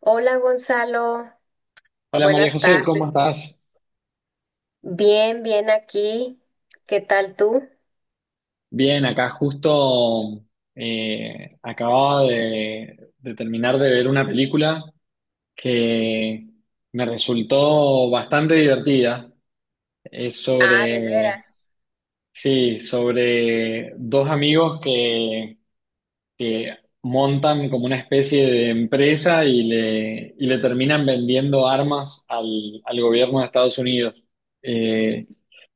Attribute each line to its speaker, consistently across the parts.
Speaker 1: Hola Gonzalo,
Speaker 2: Hola María
Speaker 1: buenas
Speaker 2: José, ¿cómo
Speaker 1: tardes.
Speaker 2: estás?
Speaker 1: Bien, bien aquí. ¿Qué tal tú?
Speaker 2: Bien, acá justo acababa de terminar de ver una película que me resultó bastante divertida. Es
Speaker 1: Ah, de
Speaker 2: sobre,
Speaker 1: veras.
Speaker 2: sí, sobre dos amigos que montan como una especie de empresa y le terminan vendiendo armas al gobierno de Estados Unidos. Eh,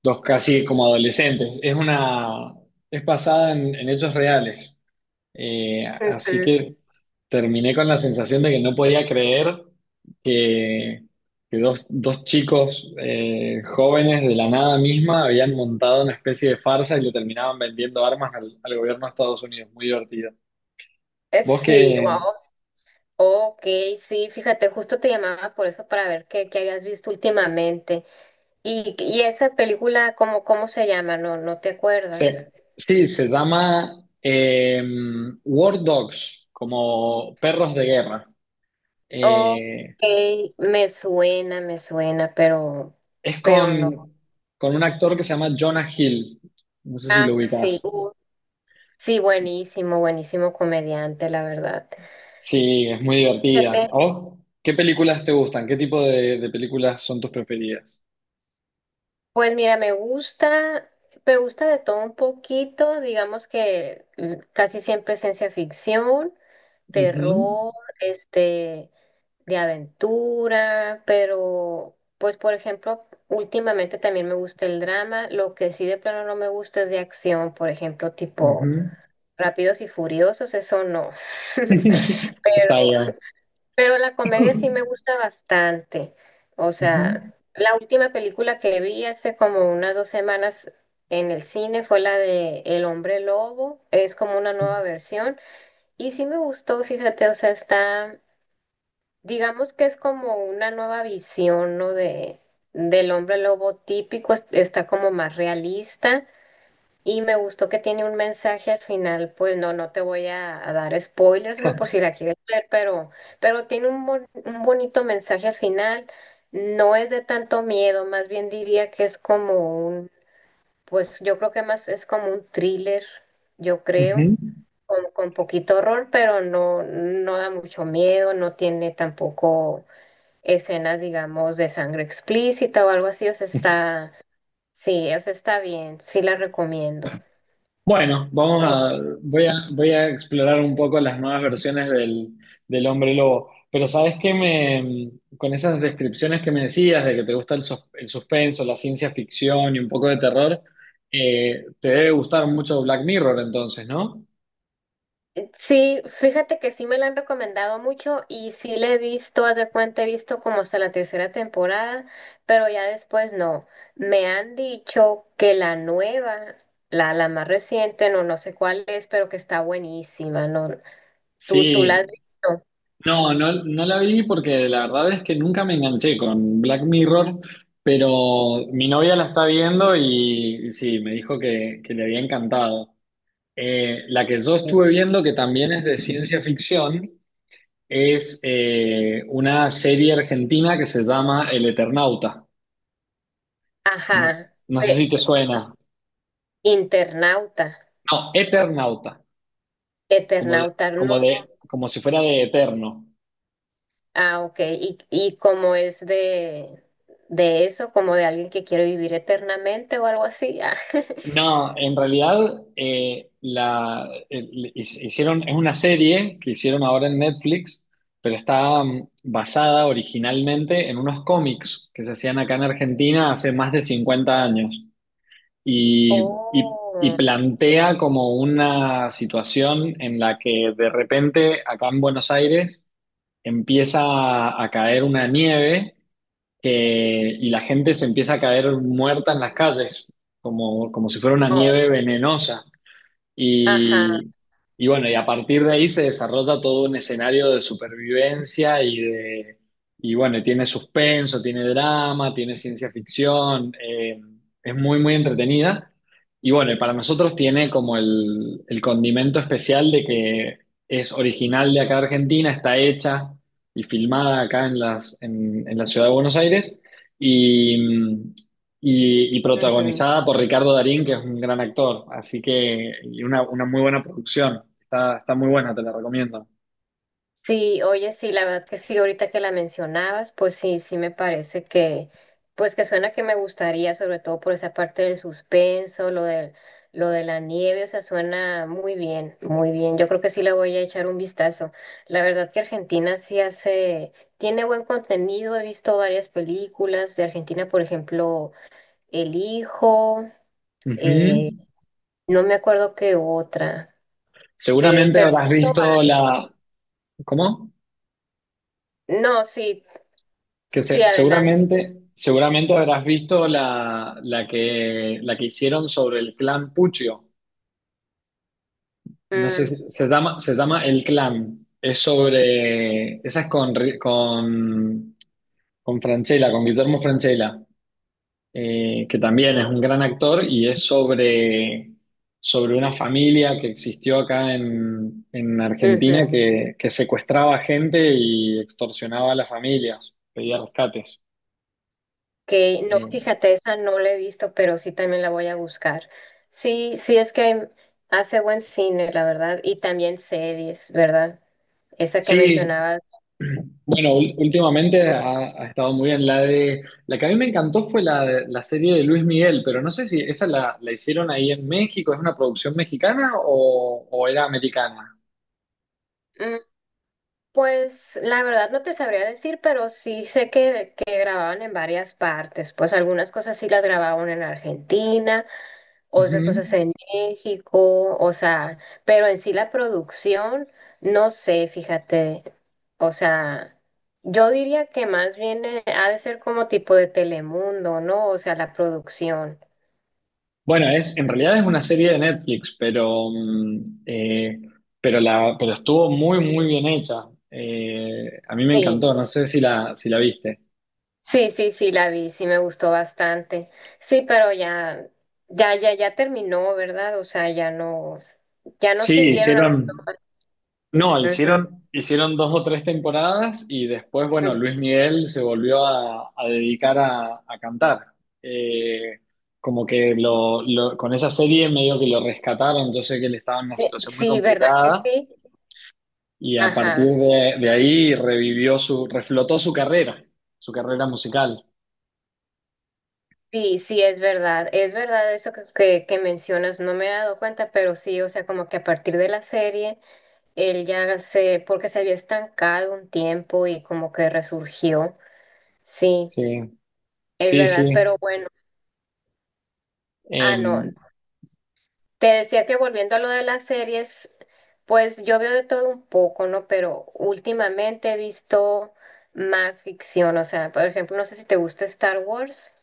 Speaker 2: Dos casi como adolescentes. Es basada en hechos reales. Eh, así
Speaker 1: Ujú.
Speaker 2: que terminé con la sensación de que no podía creer que, que dos chicos jóvenes de la nada misma habían montado una especie de farsa y le terminaban vendiendo armas al gobierno de Estados Unidos. Muy divertido. Vos
Speaker 1: Sí,
Speaker 2: que...
Speaker 1: wow. Ok, sí, fíjate, justo te llamaba por eso para ver qué habías visto últimamente. Y esa película, ¿cómo se llama? No, no te acuerdas.
Speaker 2: se- sí, se llama eh, War Dogs, como perros de guerra.
Speaker 1: Ok,
Speaker 2: Eh,
Speaker 1: me suena, pero,
Speaker 2: es
Speaker 1: pero no.
Speaker 2: con, con un actor que se llama Jonah Hill. No sé si
Speaker 1: Ah,
Speaker 2: lo
Speaker 1: sí,
Speaker 2: ubicás.
Speaker 1: sí, buenísimo, buenísimo comediante, la verdad.
Speaker 2: Sí, es muy divertida. ¿A
Speaker 1: Fíjate.
Speaker 2: vos qué películas te gustan? ¿Qué tipo de películas son tus preferidas?
Speaker 1: Pues mira, me gusta de todo un poquito, digamos que casi siempre es ciencia ficción,
Speaker 2: Ujú,
Speaker 1: terror, este, de aventura, pero pues por ejemplo, últimamente también me gusta el drama, lo que sí de plano no me gusta es de acción, por ejemplo, tipo
Speaker 2: ujú.
Speaker 1: Rápidos y Furiosos, eso no. Pero
Speaker 2: Está bien.
Speaker 1: pero la comedia sí me gusta bastante. O
Speaker 2: Ujú,
Speaker 1: sea, la última película que vi hace como unas 2 semanas en el cine fue la de El hombre lobo. Es como una nueva versión. Y sí me gustó, fíjate, o sea, está, digamos que es como una nueva visión, ¿no? Del hombre lobo típico. Está como más realista. Y me gustó que tiene un mensaje al final, pues no, no te voy a dar spoilers, ¿no? Por si la quieres ver, pero tiene un bonito mensaje al final. No es de tanto miedo, más bien diría que es como un, pues yo creo que más es como un thriller, yo creo,
Speaker 2: ujú.
Speaker 1: con poquito horror, pero no, no da mucho miedo, no tiene tampoco escenas, digamos, de sangre explícita o algo así, o sea, está, sí, o sea, está bien, sí la recomiendo.
Speaker 2: Bueno, vamos a, voy a, voy a explorar un poco las nuevas versiones del hombre lobo. Pero con esas descripciones que me decías de que te gusta el suspenso, la ciencia ficción y un poco de terror, te debe gustar mucho Black Mirror entonces, ¿no?
Speaker 1: Sí, fíjate que sí me la han recomendado mucho y sí la he visto, haz de cuenta, he visto como hasta la tercera temporada, pero ya después no. Me han dicho que la más reciente, no, no sé cuál es, pero que está buenísima, ¿no? ¿Tú la has
Speaker 2: Sí,
Speaker 1: visto?
Speaker 2: no, no, no la vi porque la verdad es que nunca me enganché con Black Mirror, pero mi novia la está viendo y sí, me dijo que le había encantado. La que yo
Speaker 1: Sí.
Speaker 2: estuve viendo, que también es de ciencia ficción, es una serie argentina que se llama El Eternauta. No,
Speaker 1: Ajá.
Speaker 2: no sé si
Speaker 1: Pe-
Speaker 2: te suena.
Speaker 1: Internauta,
Speaker 2: No, Eternauta, como de,
Speaker 1: Eternauta, no.
Speaker 2: como de, como si fuera de eterno.
Speaker 1: Ah, ok. Y como es de eso, como de alguien que quiere vivir eternamente o algo así. Ah.
Speaker 2: No, en realidad hicieron, es una serie que hicieron ahora en Netflix, pero está basada originalmente en unos cómics que se hacían acá en Argentina hace más de 50 años. Y, y
Speaker 1: Oh,
Speaker 2: plantea como una situación en la que de repente acá en Buenos Aires empieza a caer una nieve y la gente se empieza a caer muerta en las calles, como, como si fuera una nieve
Speaker 1: oh,
Speaker 2: venenosa.
Speaker 1: ajá.
Speaker 2: Y, y bueno, y a partir de ahí se desarrolla todo un escenario de supervivencia. Y bueno, tiene suspenso, tiene drama, tiene ciencia ficción, es muy, muy entretenida. Y bueno, y para nosotros tiene como el condimento especial de que es original de acá de Argentina, está hecha y filmada acá en en la ciudad de Buenos Aires. Y, y
Speaker 1: Ujú.
Speaker 2: protagonizada por Ricardo Darín, que es un gran actor. Así que, y una muy buena producción. Está, está muy buena, te la recomiendo.
Speaker 1: Sí, oye, sí, la verdad que sí, ahorita que la mencionabas, pues sí, sí me parece que, pues que suena que me gustaría, sobre todo por esa parte del suspenso, lo de la nieve, o sea, suena muy bien, muy bien. Yo creo que sí le voy a echar un vistazo. La verdad que Argentina sí hace, tiene buen contenido, he visto varias películas de Argentina, por ejemplo, El Hijo,
Speaker 2: Ujú.
Speaker 1: eh, no me acuerdo qué otra,
Speaker 2: Seguramente
Speaker 1: pero.
Speaker 2: habrás visto la. ¿Cómo?
Speaker 1: No, sí, sí, adelante.
Speaker 2: Seguramente habrás visto la que hicieron sobre el clan Puccio. No sé,
Speaker 1: Mm,
Speaker 2: se llama El Clan. Es sobre. Esa es con Francella, con Guillermo Francella. Que también es un gran actor y es sobre una familia que existió acá en
Speaker 1: ujú.
Speaker 2: Argentina que secuestraba gente y extorsionaba a las familias, pedía rescates.
Speaker 1: Que no,
Speaker 2: Eh,
Speaker 1: fíjate, esa no la he visto, pero sí también la voy a buscar. Sí, sí, es que hace buen cine, la verdad, y también series, ¿verdad? Esa que
Speaker 2: sí,
Speaker 1: mencionabas.
Speaker 2: bueno, últimamente ha estado muy bien la de... La que a mí me encantó fue la serie de Luis Miguel, pero no sé si esa la hicieron ahí en México, ¿es una producción mexicana o era americana?
Speaker 1: Mm, Pues la verdad no te sabría decir, pero sí sé que grababan en varias partes. Pues algunas cosas sí las grababan en Argentina, otras
Speaker 2: Ujú.
Speaker 1: cosas en México, o sea, pero en sí la producción, no sé, fíjate, o sea, yo diría que más bien ha de ser como tipo de Telemundo, ¿no? O sea, la producción.
Speaker 2: En realidad es una serie de Netflix, pero estuvo muy, muy bien hecha. A mí me
Speaker 1: Sí,
Speaker 2: encantó, no sé si la viste.
Speaker 1: sí, sí, sí, la vi, sí me gustó bastante. Sí, pero ya terminó, ¿verdad? O sea, ya no
Speaker 2: Sí,
Speaker 1: siguieron.
Speaker 2: hicieron, no,
Speaker 1: Ujú.
Speaker 2: hicieron, hicieron dos o tres temporadas y después, bueno, Luis Miguel se volvió a dedicar a cantar. Eh, Como que con esa serie medio que lo rescataron, yo sé que él estaba en una situación muy
Speaker 1: Sí, ¿verdad que
Speaker 2: complicada.
Speaker 1: sí?
Speaker 2: Y a partir
Speaker 1: Ajá.
Speaker 2: de ahí revivió su, reflotó su carrera musical.
Speaker 1: Sí, sí, es verdad eso que mencionas, no me he dado cuenta, pero sí, o sea, como que a partir de la serie, porque se había estancado un tiempo y como que resurgió, sí,
Speaker 2: Sí,
Speaker 1: es
Speaker 2: sí,
Speaker 1: verdad,
Speaker 2: sí.
Speaker 1: pero bueno. No,
Speaker 2: Em,
Speaker 1: te decía que volviendo a lo de las series, pues yo veo de todo un poco, ¿no? Pero últimamente he visto más ficción, o sea, por ejemplo, no sé si te gusta Star Wars,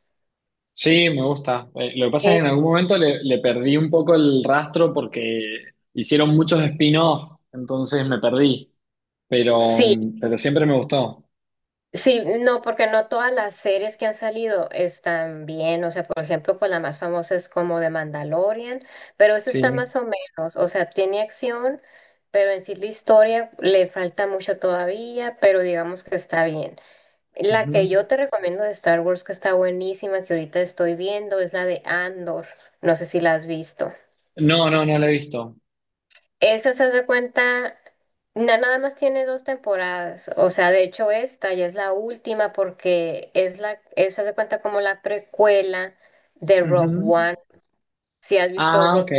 Speaker 2: sí, me gusta. Lo que pasa es que en
Speaker 1: ¿sí?
Speaker 2: algún momento le perdí un poco el rastro porque hicieron muchos spin-off, entonces me perdí. Pero,
Speaker 1: Sí,
Speaker 2: pero siempre me gustó.
Speaker 1: sí, no, porque no todas las series que han salido están bien, o sea, por ejemplo, pues la más famosa es como de Mandalorian, pero esa está
Speaker 2: Sí.
Speaker 1: más o menos, o sea, tiene acción, pero en sí la historia le falta mucho todavía, pero digamos que está bien. La
Speaker 2: Ujú.
Speaker 1: que yo te recomiendo de Star Wars que está buenísima, que ahorita estoy viendo, es la de Andor, no sé si la has visto.
Speaker 2: No, no, no lo he visto.
Speaker 1: Esa se hace cuenta, nada más tiene dos temporadas, o sea, de hecho esta ya es la última porque esa se cuenta como la precuela de Rogue
Speaker 2: Ujú.
Speaker 1: One. Si has visto
Speaker 2: Ah, ok.
Speaker 1: Rogue.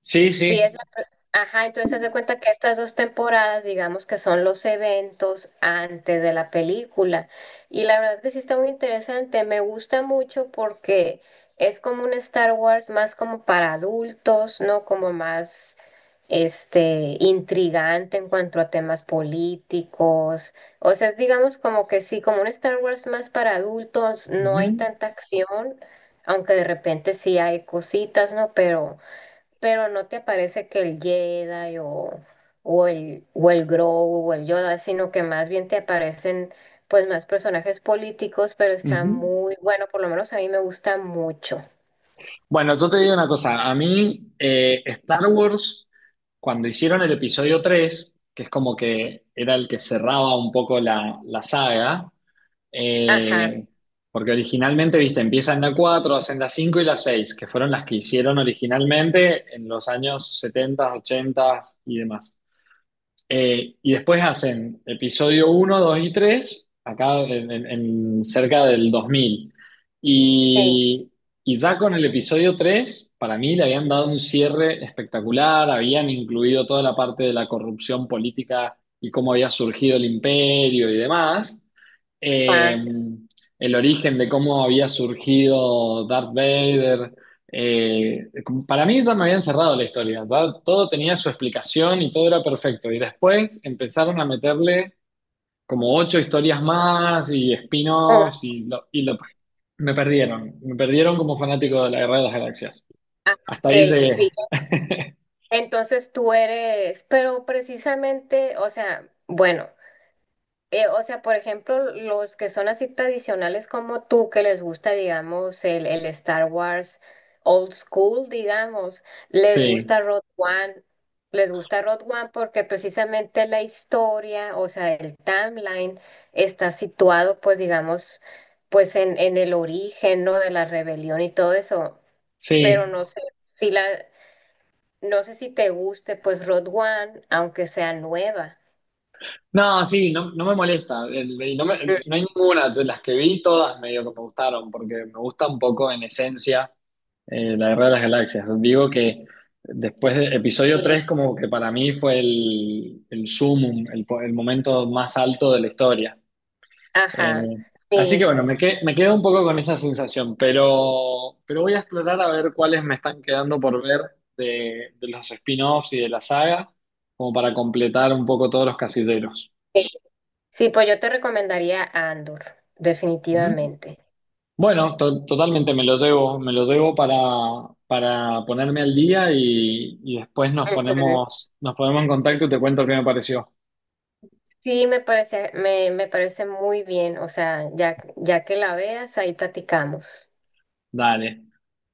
Speaker 2: Sí,
Speaker 1: Sí, es
Speaker 2: sí.
Speaker 1: la... pr- Ajá, entonces se hace cuenta que estas dos temporadas, digamos que son los eventos antes de la película. Y la verdad es que sí está muy interesante. Me gusta mucho porque es como un Star Wars más como para adultos, ¿no? Como más intrigante en cuanto a temas políticos. O sea, es digamos como que sí, como un Star Wars más para adultos, no hay
Speaker 2: Ujú,
Speaker 1: tanta acción, aunque de repente sí hay cositas, ¿no? Pero no te parece que el Jedi o el Grogu o el Yoda, sino que más bien te aparecen pues más personajes políticos, pero está
Speaker 2: ujú.
Speaker 1: muy bueno, por lo menos a mí me gusta mucho.
Speaker 2: Bueno, yo te digo una cosa, a mí Star Wars, cuando hicieron el episodio 3, que es como que era el que cerraba un poco la saga,
Speaker 1: Ajá,
Speaker 2: eh, porque originalmente, viste, empieza en la 4, hacen la 5 y la 6, que fueron las que hicieron originalmente en los años 70, 80 y demás. Y después hacen episodio uno, 2 y 3 acá en, en cerca del 2000.
Speaker 1: sí,
Speaker 2: Y, y ya con el episodio 3 para mí le habían dado un cierre espectacular, habían incluido toda la parte de la corrupción política y cómo había surgido el imperio y demás, eh,
Speaker 1: ah,
Speaker 2: el origen de cómo había surgido Darth Vader. eh, para mí ya me habían cerrado la historia, ya todo tenía su explicación y todo era perfecto. Y después empezaron a meterle como ocho historias más y
Speaker 1: mm,
Speaker 2: spin-offs y me perdieron como fanático de la Guerra de las Galaxias.
Speaker 1: ah,
Speaker 2: Hasta
Speaker 1: ok,
Speaker 2: ahí llegué.
Speaker 1: sí. Entonces tú eres, pero precisamente, o sea, bueno. O sea, por ejemplo, los que son así tradicionales como tú, que les gusta, digamos, el Star Wars old school, digamos, les
Speaker 2: Sí,
Speaker 1: gusta Road One, les gusta Road One porque precisamente la historia, o sea, el timeline está situado, pues, digamos, pues en el origen, ¿no? De la rebelión y todo eso, pero
Speaker 2: sí.
Speaker 1: no sé si te guste, pues, Road One, aunque sea nueva.
Speaker 2: No, sí, no, no me molesta.
Speaker 1: Mm,
Speaker 2: No hay ninguna. De las que vi, todas medio que me gustaron, porque me gusta un poco en esencia la Guerra de las Galaxias. Digo que después de episodio
Speaker 1: sí,
Speaker 2: 3 como que para mí fue el sumum, el momento más alto de la historia.
Speaker 1: ajá,
Speaker 2: Eh, así
Speaker 1: sí.
Speaker 2: que bueno, me quedo un poco con esa sensación, pero voy a explorar a ver cuáles me están quedando por ver de los spin-offs y de la saga, como para completar un poco todos los casilleros.
Speaker 1: Sí. Sí, pues yo te recomendaría Andor,
Speaker 2: Ujú.
Speaker 1: definitivamente.
Speaker 2: Bueno, totalmente me lo llevo para ponerme al día y después
Speaker 1: Ujú.
Speaker 2: nos ponemos en contacto y te cuento qué me pareció.
Speaker 1: Sí, me parece muy bien. O sea, ya, ya que la veas, ahí platicamos.
Speaker 2: Dale.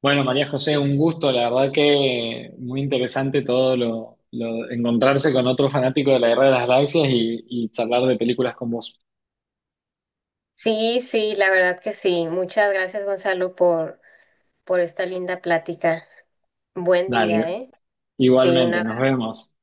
Speaker 2: Bueno, María José, un gusto, la verdad que muy interesante todo encontrarse con otro fanático de la Guerra de las Galaxias y charlar de películas con vos.
Speaker 1: Sí, sí, la verdad que sí. Muchas gracias, Gonzalo, por esta linda plática. Buen
Speaker 2: Dale,
Speaker 1: día, ¿eh? Sí,
Speaker 2: igualmente,
Speaker 1: una
Speaker 2: nos vemos.